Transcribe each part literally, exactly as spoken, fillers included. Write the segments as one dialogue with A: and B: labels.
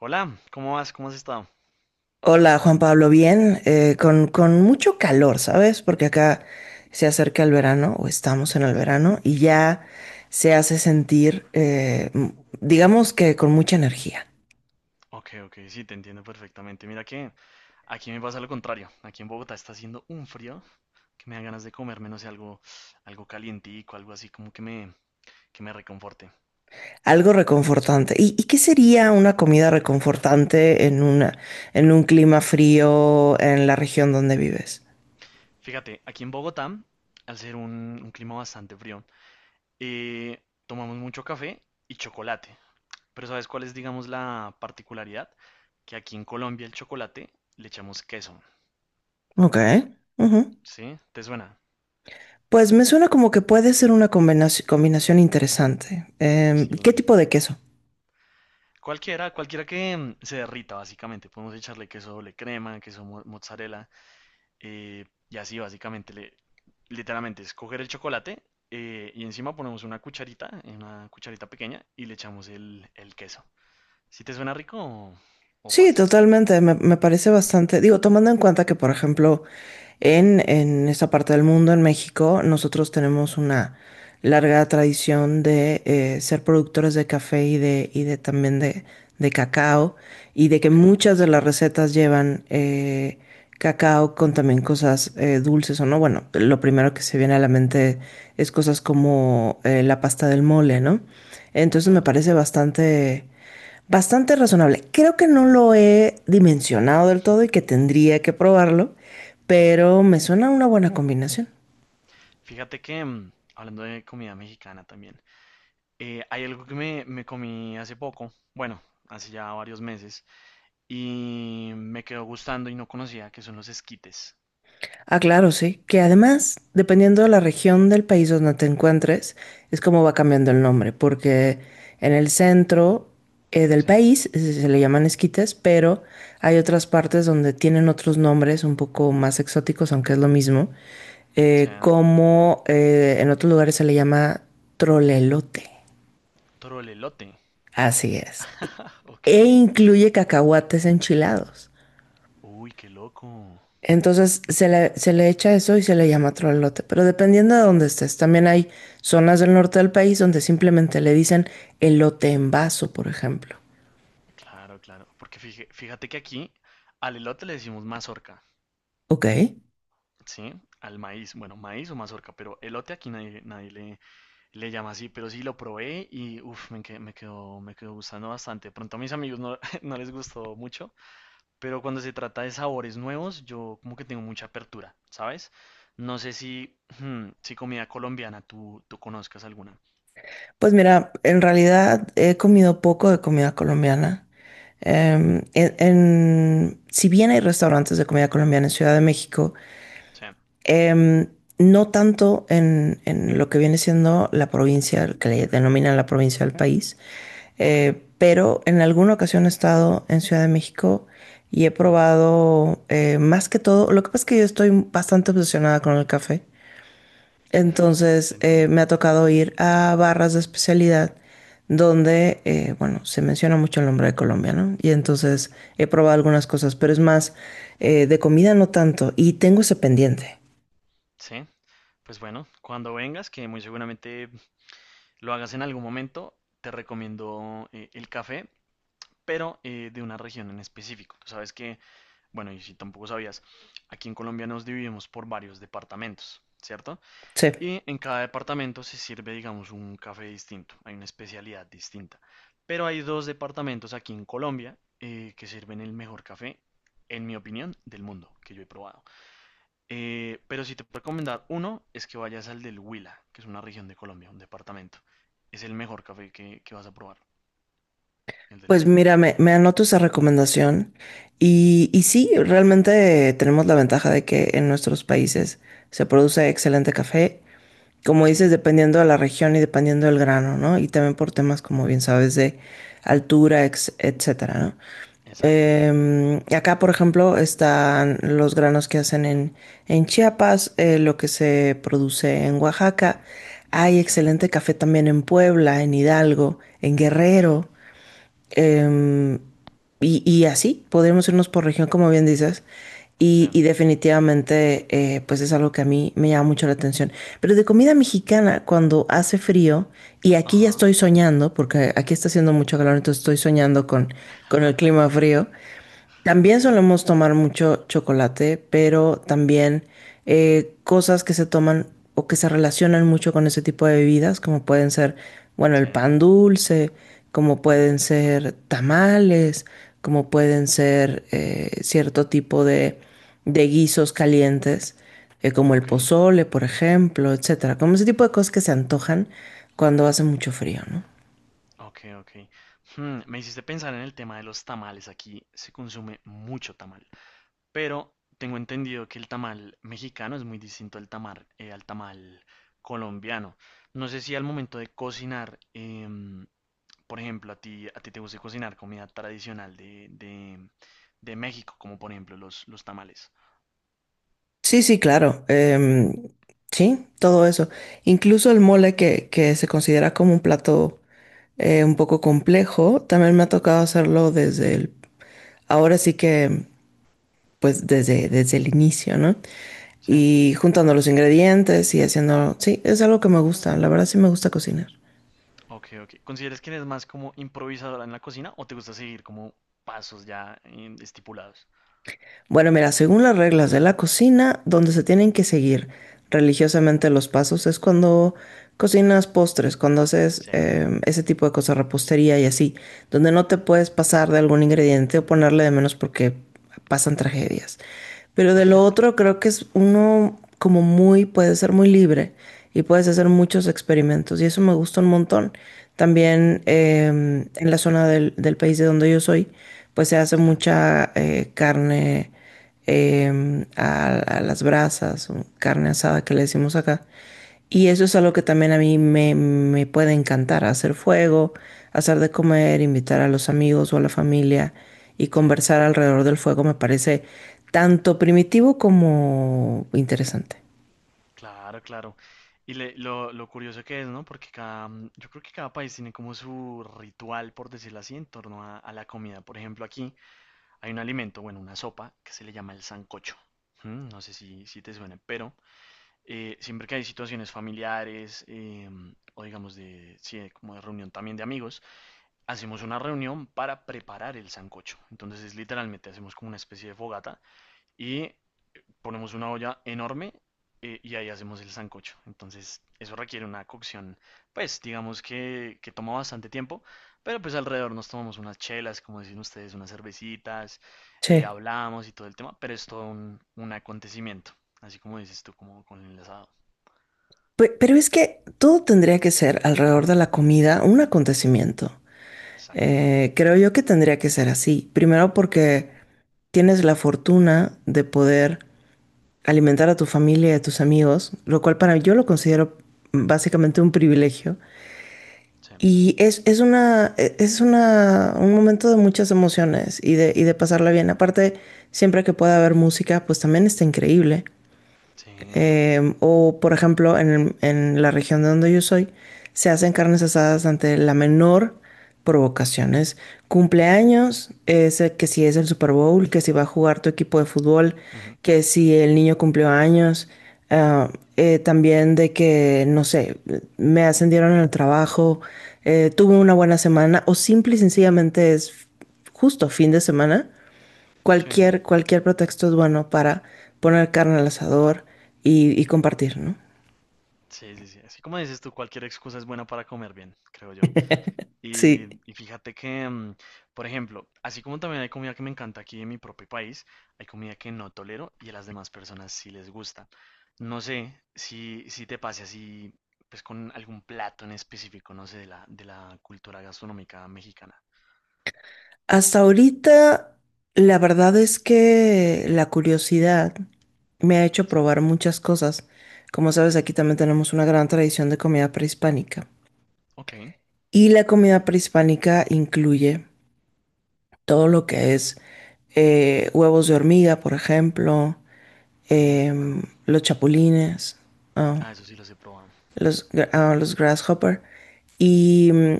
A: Hola, ¿cómo vas? ¿Cómo has estado?
B: Hola Juan Pablo, bien, eh, con, con mucho calor, ¿sabes? Porque acá se acerca el verano o estamos en el
A: Sí,
B: verano y ya se hace sentir, eh, m- digamos que con mucha energía,
A: ok, ok, sí, te entiendo perfectamente. Mira que aquí me pasa lo contrario. Aquí en Bogotá está haciendo un frío que me dan ganas de comerme, no sé, algo, algo calientico, algo así como que me, que me reconforte.
B: algo reconfortante. ¿Y, y qué sería una comida reconfortante en una, en un clima frío en la región donde vives?
A: Fíjate, aquí en Bogotá, al ser un, un clima bastante frío, eh, tomamos mucho café y chocolate. Pero ¿sabes cuál es, digamos, la particularidad? Que aquí en Colombia el chocolate le echamos queso,
B: Ok, ujú.
A: ¿sí? ¿Te suena?
B: Pues me suena como que puede ser una combinaci- combinación interesante. Em, ¿qué
A: Sí.
B: tipo de queso?
A: Cualquiera, cualquiera que mm, se derrita, básicamente. Podemos echarle queso doble crema, queso mo- mozzarella, eh, y así básicamente, le, literalmente, es coger el chocolate, eh, y encima ponemos una cucharita, eh, una cucharita pequeña, y le echamos el, el queso. Si te suena rico, o, o
B: Sí,
A: pasas.
B: totalmente, me, me parece bastante, digo, tomando en cuenta que, por ejemplo, en, en esta parte del mundo, en México, nosotros tenemos una larga tradición de eh, ser productores de café y de, y de también de, de cacao, y de que
A: Ok,
B: muchas de
A: sí,
B: las recetas llevan eh, cacao con también cosas eh, dulces o no. Bueno, lo primero que se viene a la mente es cosas como eh, la pasta del mole, ¿no? Entonces me
A: claro,
B: parece bastante... bastante razonable. Creo que no lo he dimensionado del todo y que tendría que probarlo,
A: sí.
B: pero me suena una buena combinación.
A: Fíjate que, mm, hablando de comida mexicana también, eh, hay algo que me, me comí hace poco, bueno, hace ya varios meses, y me quedó gustando y no conocía, que son los esquites.
B: Ah, claro, sí. Que además, dependiendo de la región del país donde te encuentres, es como va cambiando el nombre, porque en el centro eh, del
A: Sean,
B: país eh, se le llaman esquites, pero hay otras partes donde tienen otros nombres un poco más exóticos, aunque es lo mismo, eh,
A: sean
B: como eh, en otros lugares se le llama trolelote.
A: trolelote.
B: Así es.
A: Ok.
B: E incluye cacahuates enchilados.
A: Uy, qué loco.
B: Entonces se le, se le echa eso y se le llama trolote. Pero dependiendo de dónde estés, también hay zonas del norte del país donde simplemente le dicen elote en vaso, por ejemplo.
A: Claro, claro. Porque fíjate que aquí al elote le decimos mazorca,
B: Ok.
A: ¿sí? Al maíz, bueno, maíz o mazorca, pero elote aquí nadie, nadie le, le llama así, pero sí lo probé y uff, me, me quedó, me quedó gustando bastante. De pronto a mis amigos no, no les gustó mucho. Pero cuando se trata de sabores nuevos, yo como que tengo mucha apertura, ¿sabes? No sé si, hmm, si comida colombiana tú, tú conozcas alguna.
B: Pues mira, en realidad he comido poco de comida colombiana. Em, en- en- si bien hay restaurantes de comida colombiana en Ciudad de México,
A: Sí,
B: Em, no tanto en, en lo que viene siendo la provincia, que le denominan la provincia del país,
A: ok.
B: eh, pero en alguna ocasión he estado en Ciudad de México y he
A: hmm,
B: probado eh, más que todo, lo que pasa es que yo estoy bastante obsesionada con el café,
A: Te
B: entonces eh,
A: entiendo.
B: me ha tocado ir a barras de especialidad donde, eh, bueno, se menciona mucho el nombre de Colombia, ¿no? Y entonces he probado algunas cosas, pero es más eh, de comida no tanto y tengo ese pendiente.
A: Sí, pues bueno, cuando vengas, que muy seguramente lo hagas en algún momento, te recomiendo, eh, el café, pero, eh, de una región en específico. Tú sabes que, bueno, y si tampoco sabías, aquí en Colombia nos dividimos por varios departamentos, ¿cierto?
B: Sí.
A: Y en cada departamento se sirve, digamos, un café distinto, hay una especialidad distinta. Pero hay dos departamentos aquí en Colombia, eh, que sirven el mejor café, en mi opinión, del mundo que yo he probado. Eh, pero si te puedo recomendar uno, es que vayas al del Huila, que es una región de Colombia, un departamento. Es el mejor café que, que vas a probar, el del
B: Pues
A: Huila.
B: mira, me, me anoto esa recomendación y, y sí, realmente tenemos la ventaja de que en nuestros países se produce excelente café, como
A: Sí,
B: dices, dependiendo de la región y dependiendo del grano, ¿no? Y también por temas, como bien sabes, de altura, ex- etcétera, ¿no?
A: exacto.
B: Em, acá, por ejemplo, están los granos que hacen en, en Chiapas, eh, lo que se produce en Oaxaca. Hay
A: Chen,
B: excelente café también en Puebla, en Hidalgo, en Guerrero. Em, y, y así podríamos irnos por región, como bien dices. Y, y
A: chen,
B: definitivamente, eh, pues es algo que a mí me llama mucho la atención. Pero de comida mexicana, cuando hace frío, y aquí ya
A: ajá.
B: estoy soñando, porque aquí está haciendo mucho calor, entonces estoy soñando con, con el clima frío. También
A: Ok,
B: solemos tomar mucho chocolate, pero también eh, cosas que se toman o que se relacionan mucho con ese tipo de bebidas, como pueden ser, bueno, el
A: chen.
B: pan dulce, como
A: Uf,
B: pueden
A: qué rico.
B: ser tamales, como pueden ser eh, cierto tipo de, de guisos calientes, eh, como el
A: Ok,
B: pozole, por ejemplo, etcétera. Como ese tipo de cosas que se antojan cuando hace mucho frío, ¿no?
A: ok, ok. Hmm, me hiciste pensar en el tema de los tamales. Aquí se consume mucho tamal. Pero tengo entendido que el tamal mexicano es muy distinto al tamal, eh, al tamal colombiano. No sé si al momento de cocinar, em, por ejemplo, a ti, a ti te gusta cocinar comida tradicional de, de, de México, como por ejemplo los, los tamales.
B: Sí, sí, claro. Em, sí, todo eso. Incluso el mole que, que se considera como un plato eh, un poco complejo, también me ha tocado hacerlo desde el, ahora sí que, pues desde, desde el inicio, ¿no?
A: Sí.
B: Y juntando los ingredientes y haciendo, sí, es algo que me gusta. La verdad sí me gusta cocinar.
A: Ok, ok. ¿Consideras que eres más como improvisadora en la cocina o te gusta seguir como pasos ya, em, estipulados?
B: Bueno, mira, según las reglas de la cocina, donde se tienen que seguir religiosamente los pasos es cuando cocinas postres, cuando haces
A: Sí,
B: em, ese tipo de cosas, repostería y así, donde no te puedes pasar de algún ingrediente o ponerle de menos porque pasan tragedias. Pero de lo otro creo que es uno como muy, puede ser muy libre y puedes hacer muchos experimentos y eso me gusta un montón. También em, en la zona del, del país de donde yo soy, pues se hace
A: sí.
B: mucha eh, carne em, a, a las brasas, o carne asada que le decimos acá. Y
A: Uf.
B: eso es algo que también a mí me, me puede encantar, hacer fuego, hacer de comer, invitar a los amigos o a la familia y
A: Sí,
B: conversar alrededor del fuego me parece tanto primitivo como interesante.
A: claro, claro. Y le- lo, lo curioso que es, ¿no? Porque cada, mm, yo creo que cada país tiene como su ritual, por decirlo así, en torno a, a la comida. Por ejemplo, aquí hay un alimento, bueno, una sopa que se le llama el sancocho. Mm, No sé si, si te suena, pero, eh, siempre que hay situaciones familiares, eh, o digamos de, sí, de como de reunión también de amigos, hacemos una reunión para preparar el sancocho. Entonces, es literalmente, hacemos como una especie de fogata y ponemos una olla enorme, eh, y ahí hacemos el sancocho. Entonces, eso requiere una cocción, pues digamos que, que toma bastante tiempo, pero pues alrededor nos tomamos unas chelas, como dicen ustedes, unas cervecitas, eh,
B: Sí.
A: hablamos y todo el tema, pero es todo un, un acontecimiento, así como dices tú, como con el asado.
B: Pe- Pero es que todo tendría que ser alrededor de la comida un acontecimiento.
A: Exacto.
B: Eh, creo yo que tendría que ser así. Primero porque tienes la fortuna de poder alimentar a tu familia y a tus amigos, lo cual para mí yo lo considero básicamente un privilegio,
A: Sí,
B: y es, es una, e, es una, un momento de muchas emociones y de, y de pasarla bien. Aparte, siempre que pueda haber música, pues también está increíble.
A: sí.
B: Em, o, por ejemplo, en, en la región de donde yo soy, se hacen carnes asadas ante la menor provocación. Es cumpleaños, es el- que si es el Super Bowl, que si va a jugar tu equipo de fútbol,
A: Ujú.
B: que si el niño cumplió años. ah, eh, También de que, no sé, me ascendieron en el trabajo, eh, tuve una buena semana, o simple y sencillamente es justo fin de semana.
A: Sí, ¿no?
B: Cualquier, cualquier pretexto es bueno para poner carne al asador y, y compartir, ¿no?
A: Sí, sí, sí. Así como dices tú, cualquier excusa es buena para comer bien, creo yo. Y,
B: Sí.
A: y fíjate que, mm, por ejemplo, así como también hay comida que me encanta aquí en mi propio país, hay comida que no tolero y a las demás personas sí les gusta. No sé si, si te pase así, pues con algún plato en específico, no sé, de la, de la cultura gastronómica mexicana.
B: Hasta ahorita, la verdad es que la curiosidad me ha hecho
A: Sí.
B: probar muchas cosas. Como sabes, aquí también tenemos una gran tradición de comida prehispánica.
A: Ok.
B: Y la comida prehispánica incluye todo lo que es eh, huevos de hormiga, por ejemplo,
A: Uy, qué
B: em,
A: raro.
B: los chapulines, ah,
A: Ah, eso sí los he probado.
B: los, ah, los Grasshopper. Y mm,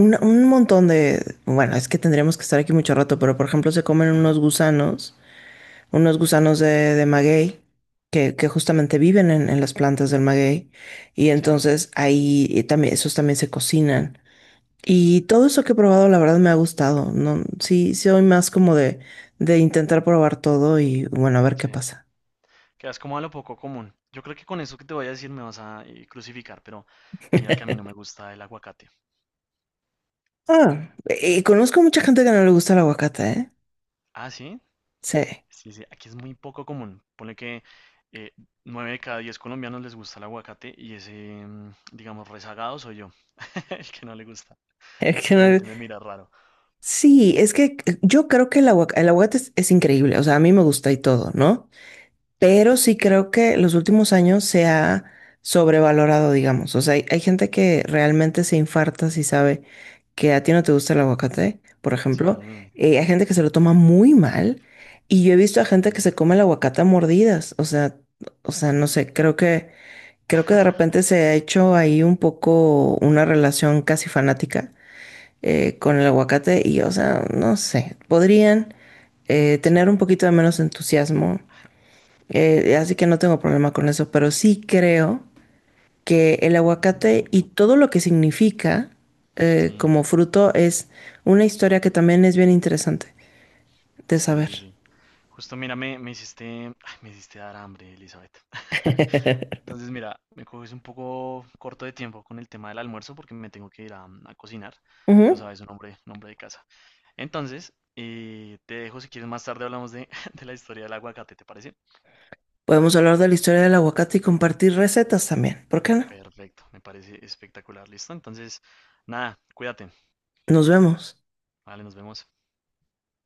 B: un, un montón de... Bueno, es que tendríamos que estar aquí mucho rato, pero por ejemplo se comen unos gusanos, unos gusanos de, de maguey, que, que justamente viven en, en las plantas del maguey. Y
A: Sí,
B: entonces ahí y también, esos también se cocinan. Y todo eso que he probado, la verdad me ha gustado. No, sí, sí, soy más como de, de intentar probar todo y bueno, a ver qué
A: sí.
B: pasa.
A: Quedas como a lo poco común. Yo creo que con eso que te voy a decir me vas a, eh, crucificar, pero mira que a mí no me gusta el aguacate.
B: Ah, y conozco mucha gente que no le gusta el aguacate, ¿eh?
A: Ah, sí.
B: Sí.
A: Sí, sí, aquí es muy poco común. Pone que, eh, nueve de cada diez colombianos les gusta el aguacate, y ese, mm, digamos, rezagado soy yo, el que no le gusta.
B: Es que
A: Entonces la
B: no...
A: gente me mira raro.
B: Sí, es que yo creo que el aguac- el aguacate es, es increíble, o sea, a mí me gusta y todo, ¿no?
A: Sí,
B: Pero sí creo que los últimos años se ha sobrevalorado, digamos, o sea, hay, hay gente que realmente se infarta si sabe que a ti no te gusta el aguacate, por ejemplo.
A: sí,
B: Eh, hay gente que se lo toma muy mal y yo he visto a gente que
A: sí.
B: se come el aguacate a mordidas, o sea, o sea, no sé, creo que, creo que de repente se ha hecho ahí un poco una relación casi fanática eh, con el aguacate y, o sea, no sé, podrían eh,
A: Sí,
B: tener un poquito de menos entusiasmo, eh, así que no tengo problema con eso, pero sí creo que el aguacate y todo lo que significa eh,
A: sí,
B: como fruto es una historia que también es bien interesante de
A: sí,
B: saber.
A: sí, sí. Justo mira, me, me hiciste, ay, me hiciste dar hambre, Elizabeth. Entonces, mira, me coges un poco corto de tiempo con el tema del almuerzo porque me tengo que ir a, mm, a cocinar. Tú
B: Ujú.
A: sabes, un hombre, un hombre de casa. Entonces, eh, te dejo, si quieres más tarde hablamos de, de la historia del aguacate, ¿te parece?
B: Podemos hablar de la historia del aguacate y compartir recetas también, ¿por qué no?
A: Perfecto, me parece espectacular, listo. Entonces, nada, cuídate.
B: Nos vemos.
A: Vale, nos vemos.